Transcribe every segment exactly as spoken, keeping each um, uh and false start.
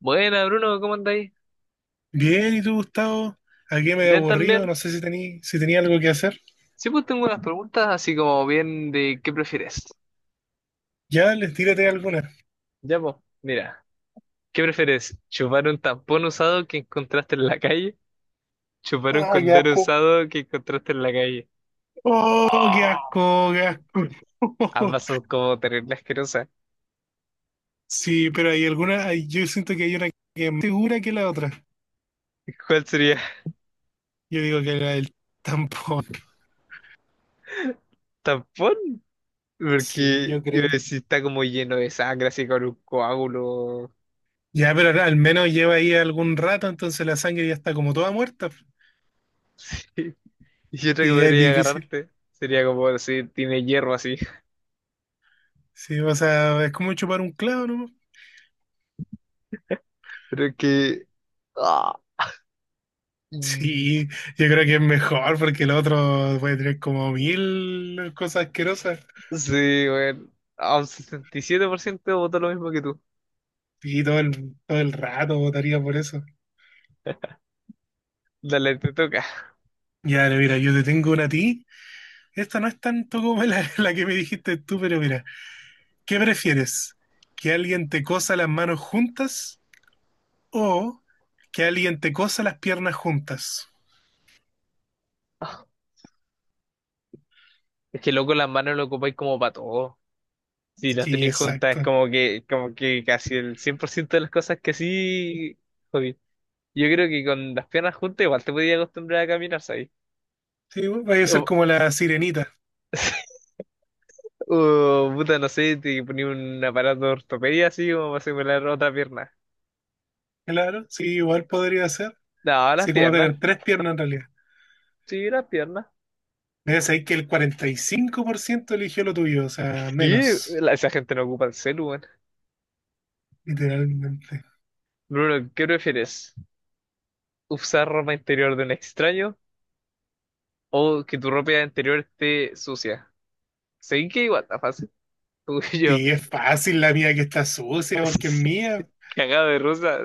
Buena, Bruno, ¿cómo andáis? Bien, ¿y tú, Gustavo? Aquí medio ¿Bien aburrido, también? no sé si tení, si tenía algo que hacer. Sí, pues tengo unas preguntas así como bien de ¿qué prefieres? Ya, les tírate alguna. Ya, pues, mira, ¿qué prefieres? ¿Chupar un tampón usado que encontraste en la calle? ¿Chupar un Ah, qué condón asco. usado que encontraste en la calle? Oh, qué ¡Oh! asco, qué asco. Ambas son como terrible asquerosas. Sí, pero hay alguna, hay- yo siento que hay una que es más segura que la otra. ¿Cuál sería? Yo digo que la del tampón. ¿Tampón? Sí, yo Porque creo. eh, si está como lleno de sangre, así con un coágulo. Ya, pero al menos lleva ahí algún rato, entonces la sangre ya está como toda muerta. Y otra que Y es podría difícil. agarrarte sería como si tiene hierro así. Sí, o sea, es como chupar un clavo, ¿no? Pero es que... ¡Ah! Sí, yo creo que es mejor porque el otro puede tener como mil cosas asquerosas Sí, bueno, a un sesenta y siete por ciento votó lo mismo que tú. y todo el, todo el rato votaría por eso. Dale, te toca. Ya, ahora mira, yo te tengo una a ti. Esta no es tanto como la, la que me dijiste tú, pero mira, ¿qué prefieres? ¿Que alguien te cosa las manos juntas o que alguien te cosa las piernas juntas? Es que loco, las manos lo ocupáis como para todo. Si las Sí, tenéis juntas, es exacto. como que, como que casi el cien por ciento de las cosas que sí, jodí. Yo creo que con las piernas juntas igual te podías acostumbrar a caminar, ¿sabes? Sí, va a O, ser como la sirenita, o, puta, no sé, te ponía un aparato de ortopedia así como para simular otra pierna. claro. Sí, igual podría ser. No, las Sí, como piernas. tener tres piernas en realidad. Sí, las piernas. Debes saber que el cuarenta y cinco por ciento eligió lo tuyo, o sea, Y menos, esa gente no ocupa el celu, weón. literalmente. Bruno, ¿qué prefieres? Usar ropa interior de un extraño o que tu ropa interior esté sucia. Seguí que igual está fácil. Tú y yo, Sí, es fácil la mía que está sucia, porque es mía. cagado de rusa,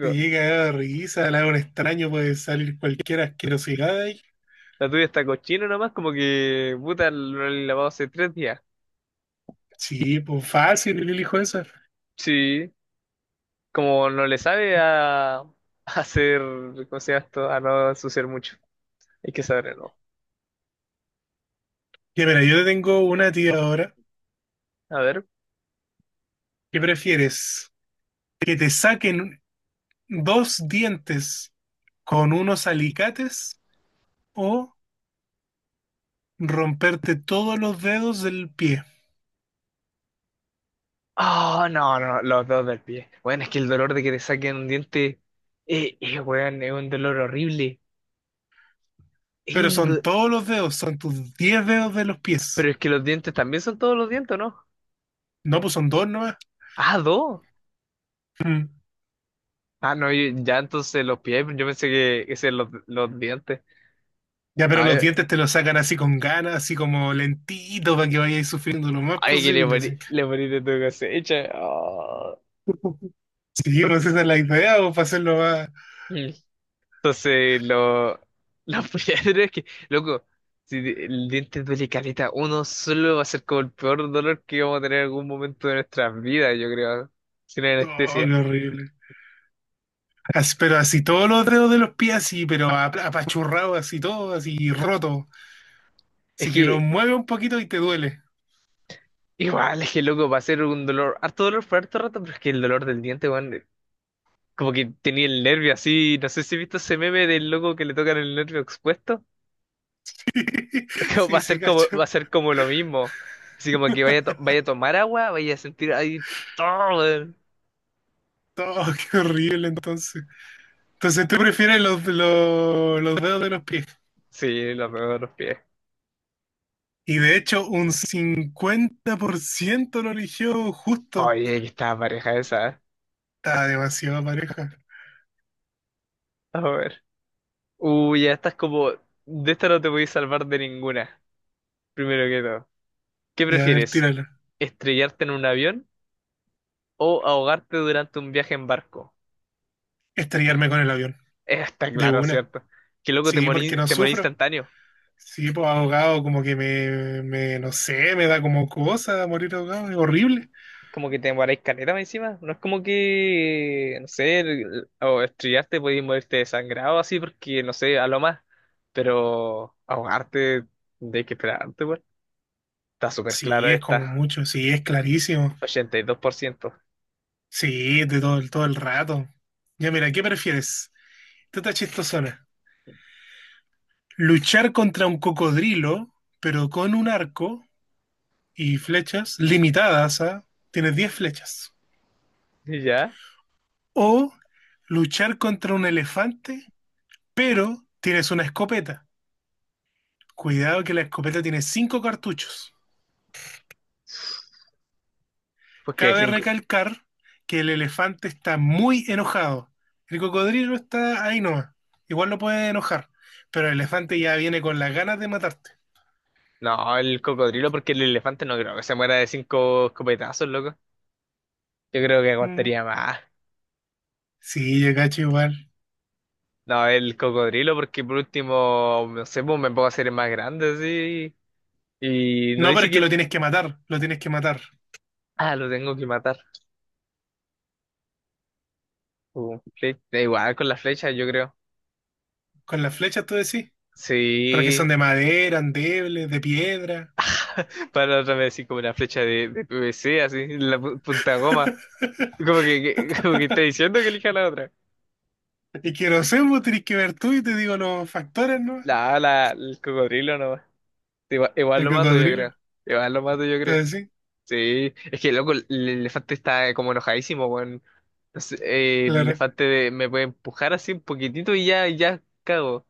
Te llega a dar risa, la hago un extraño, puede salir cualquier asquerosidad de ahí. La tuya está cochina nomás, como que puta, no la he lavado hace tres días. Sí, pues fácil, yo elijo esa. Sí, como no le sabe a, a hacer, ¿cómo se llama esto? A no ensuciar mucho. Hay que saberlo. Ya, mira, yo te tengo una tía ahora. A ver. ¿Qué prefieres? ¿Que te saquen dos dientes con unos alicates o romperte todos los dedos del pie? Ah, no, no, los dos del pie. Bueno, es que el dolor de que te saquen un diente, eh, eh, weón, es un dolor horrible. Es Pero un, son do- todos los dedos, son tus diez dedos de los Pero pies. es que los dientes también son todos los dientes, ¿o ¿no? No, pues son dos nomás. Ah, dos. Mm. Ah, no, yo- ya entonces los pies, yo pensé que ese eran los, los dientes. Ya, pero los Ay, dientes te los sacan así con ganas, así como lentito, para que vayáis sufriendo lo más ay, que le posible. Así. morí, le morí de tu cosecha. Ah. Sí, pues esa es la idea, o para hacerlo más. Mm. Entonces, lo, los pies, es que, loco, si el diente duele caleta, uno solo va a ser como el peor dolor que vamos a tener en algún momento de nuestras vidas, yo creo, sin Oh, anestesia. qué horrible. As- pero así todos los dedos de los pies, así, pero ap- apachurrado, así todo, así roto. Es Así que lo que, mueve un poquito y te duele. igual, es que, loco, va a ser un dolor, harto dolor por harto rato, pero es que el dolor del diente, weón. Como que tenía el nervio así, no sé si he visto ese meme del loco que le tocan el nervio expuesto. Como va Sí, a sí, ser como, cacho. va a ser como lo mismo. Así como que vaya, a to- vaya a tomar agua, vaya a sentir ahí todo. Weón. Oh, qué horrible entonces. Entonces tú prefieres los, los, los dedos de los pies. Sí, lo veo de los pies. Y de hecho, un cincuenta por ciento lo eligió justo. Oye, que está pareja esa. ¿Eh? Está demasiado pareja. A ver. Uy, ya estás como. De esta no te voy a salvar de ninguna. Primero que todo. ¿Qué Y a ver, prefieres? tírala. ¿Estrellarte en un avión o ahogarte durante un viaje en barco? Estrellarme con el avión. Eh, Está De claro, una. ¿cierto? Que loco, te Sí, porque morís, no te morís sufro. instantáneo. Sí, pues ahogado, como que me, me, no sé, me da como cosa morir ahogado. Es horrible. Como que te demoráis caleta más encima. No es como que, no sé, el- o estrellarte, podéis morirte desangrado así, porque, no sé, a lo más. Pero ahogarte, de que esperarte, pues. Está súper claro Sí, es como esta. mucho. Sí, es clarísimo. ochenta y dos por ciento. ¿Y dos Sí, de todo, el- todo el rato. Ya, mira, ¿qué prefieres? Esta está chistosona. Luchar contra un cocodrilo, pero con un arco y flechas limitadas a... Tienes diez flechas. por ciento. ¿Y ya? O luchar contra un elefante, pero tienes una escopeta. Cuidado que la escopeta tiene cinco cartuchos. Porque hay Cabe cinco... recalcar que el elefante está muy enojado. El cocodrilo está ahí nomás. Igual lo puede enojar, pero el elefante ya viene con las ganas de matarte. No, el cocodrilo, porque el elefante no creo que se muera de cinco escopetazos, loco. Yo creo que Mm. aguantaría más. Sí, yo cacho igual. No, el cocodrilo, porque por último, no sé, pues me puedo hacer el más grande, sí. Y no No, pero dice es que lo que tienes que matar, lo tienes que matar. ah, lo tengo que matar. Uh, fle- da igual con la flecha, yo creo. Con las flechas tú decís, pero que Sí, son de madera, endebles, de piedra. para otra vez así como una flecha de, de P V C, así, la pu- punta goma. Como que, que- como que está diciendo que elija la otra. Y que no sé, vos tenés que ver tú y te digo los factores, ¿no? La, la, el cocodrilo no. Igual, igual El lo mato, yo cocodrilo. creo. Igual lo mato, yo creo. Entonces sí, Sí, es que loco, el el elefante está como enojadísimo, weón. No sé, eh, el claro. elefante de- me puede empujar así un poquitito y ya, ya cago.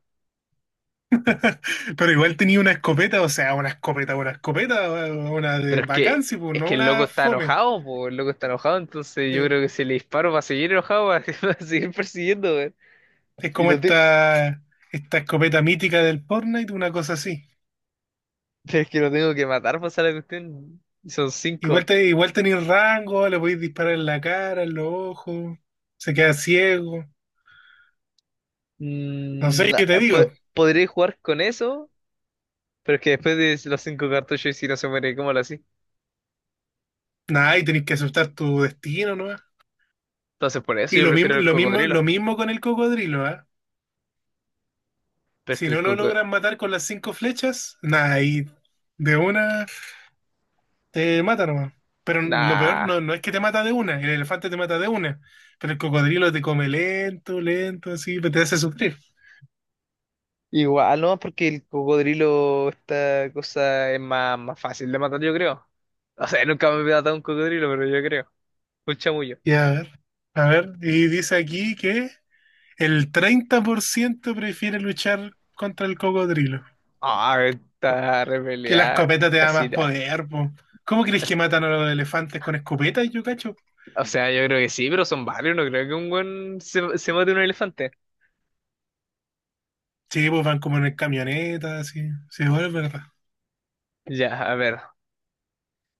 Pero igual tenía una escopeta, o sea, una escopeta, una escopeta, una de Pero es que, vacancia, pues es no que el loco una está fome. enojado, po, el loco está enojado, entonces yo Sí. creo que si le disparo va a seguir enojado, va a, va a seguir persiguiendo, weón. Es Y como lo te- esta, esta escopeta mítica del Fortnite, una cosa así. es que lo tengo que matar para hacer la cuestión. Y son Igual, cinco. te, igual tenéis rango, le podéis disparar en la cara, en los ojos, se queda ciego. No Mm, sé, qué te ah, po- digo, Podré jugar con eso, pero es que después de los cinco cartuchos, y si no se muere, ¿cómo lo así? nada, y tenéis que aceptar tu destino, ¿no? Entonces por eso Y yo lo mismo, prefiero el lo mismo, cocodrilo. lo mismo con el cocodrilo, ¿ah? Pero es Si que el no lo cocodrilo. logran matar con las cinco flechas, nada, ahí de una te mata nomás. Pero lo peor Nah. no, no es que te mata de una, el elefante te mata de una, pero el cocodrilo te come lento, lento, así, pero te hace sufrir. Igual, no, porque el cocodrilo, esta cosa es más, más fácil de matar, yo creo. O sea, nunca me he matado un cocodrilo, pero yo creo. Un chamullo. Y a ver, a ver, y dice aquí que el treinta por ciento prefiere luchar contra el cocodrilo, Ah, esta que la repeleada escopeta te da casi más nada. poder, po. ¿Cómo crees que As- matan a los elefantes con escopetas, yo cacho? O sea, yo creo que sí, pero son varios. No creo que un buen se, se mate un elefante. Sí, pues van como en camionetas, así, sí, bueno, es verdad. Ya, a ver.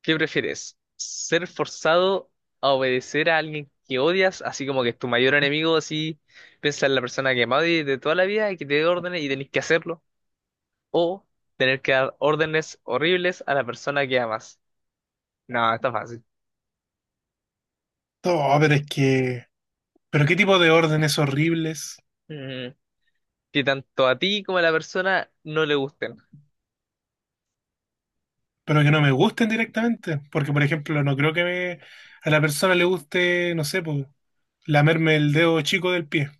¿Qué prefieres? ¿Ser forzado a obedecer a alguien que odias? Así como que es tu mayor enemigo, así piensa en la persona que más odias de toda la vida y que te dé órdenes y tenés que hacerlo. O tener que dar órdenes horribles a la persona que amas. No, está fácil. No, pero es que Pero qué tipo de órdenes horribles, Mm, que tanto a ti como a la persona no le gusten. pero que no me gusten directamente. Porque, por ejemplo, no creo que me- a la persona le guste, no sé, pues, lamerme el dedo chico del pie.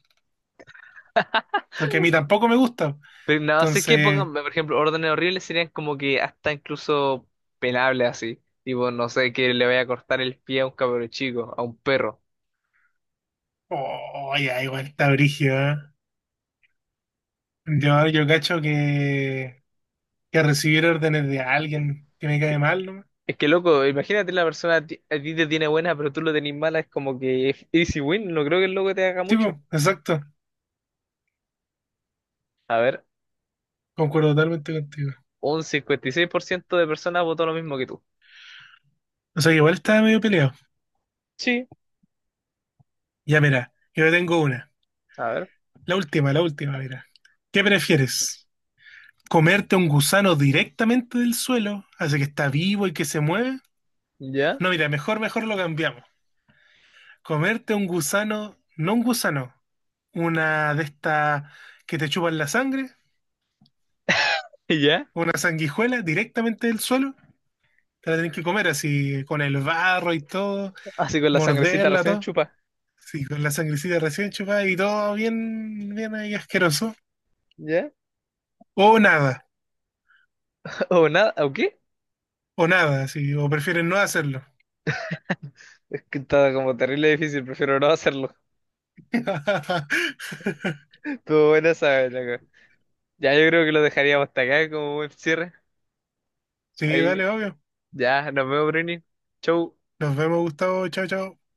Porque a mí tampoco me gusta. Pero no, sé qué Entonces, pongan, por ejemplo, órdenes horribles serían como que hasta incluso penables así. Tipo, no sé, que le vaya a cortar el pie a un cabro chico, a un perro. oh, ya, igual está brígido, ¿eh? Yo, yo cacho que, que recibir órdenes de alguien que me cae mal, ¿no? Es que loco, imagínate la persona a ti, a ti te tiene buena, pero tú lo tenés mala, es como que es easy win, no creo que el loco te haga Sí, mucho. pues, exacto. A ver, Concuerdo totalmente contigo. un cincuenta y seis por ciento de personas votó lo mismo que tú. O sea, que igual estaba medio peleado. Sí, Ya, mira, yo tengo una. a ver, La última, la última, mira. ¿Qué prefieres? Comerte un gusano directamente del suelo, así que está vivo y que se mueve. ya, No, mira, mejor, mejor lo cambiamos. Comerte un gusano, no un gusano, una de estas que te chupan la sangre, ya, una sanguijuela directamente del suelo. Te la tenés que comer así, con el barro y todo, así con la sangrecita morderla, recién todo. chupa, Sí, con la sangrecita recién chupada y todo bien, bien ahí asqueroso. ya, O nada, o nada, o qué, o nada, sí, o prefieren no hacerlo. es que está como terrible difícil, prefiero no hacerlo. Estuvo buena esa, loco. Ya yo creo que lo dejaríamos hasta acá como buen cierre. Sí, Ahí, dale, obvio. ya, nos vemos, Bruni. Chau. Nos vemos, Gustavo. Chao, chao.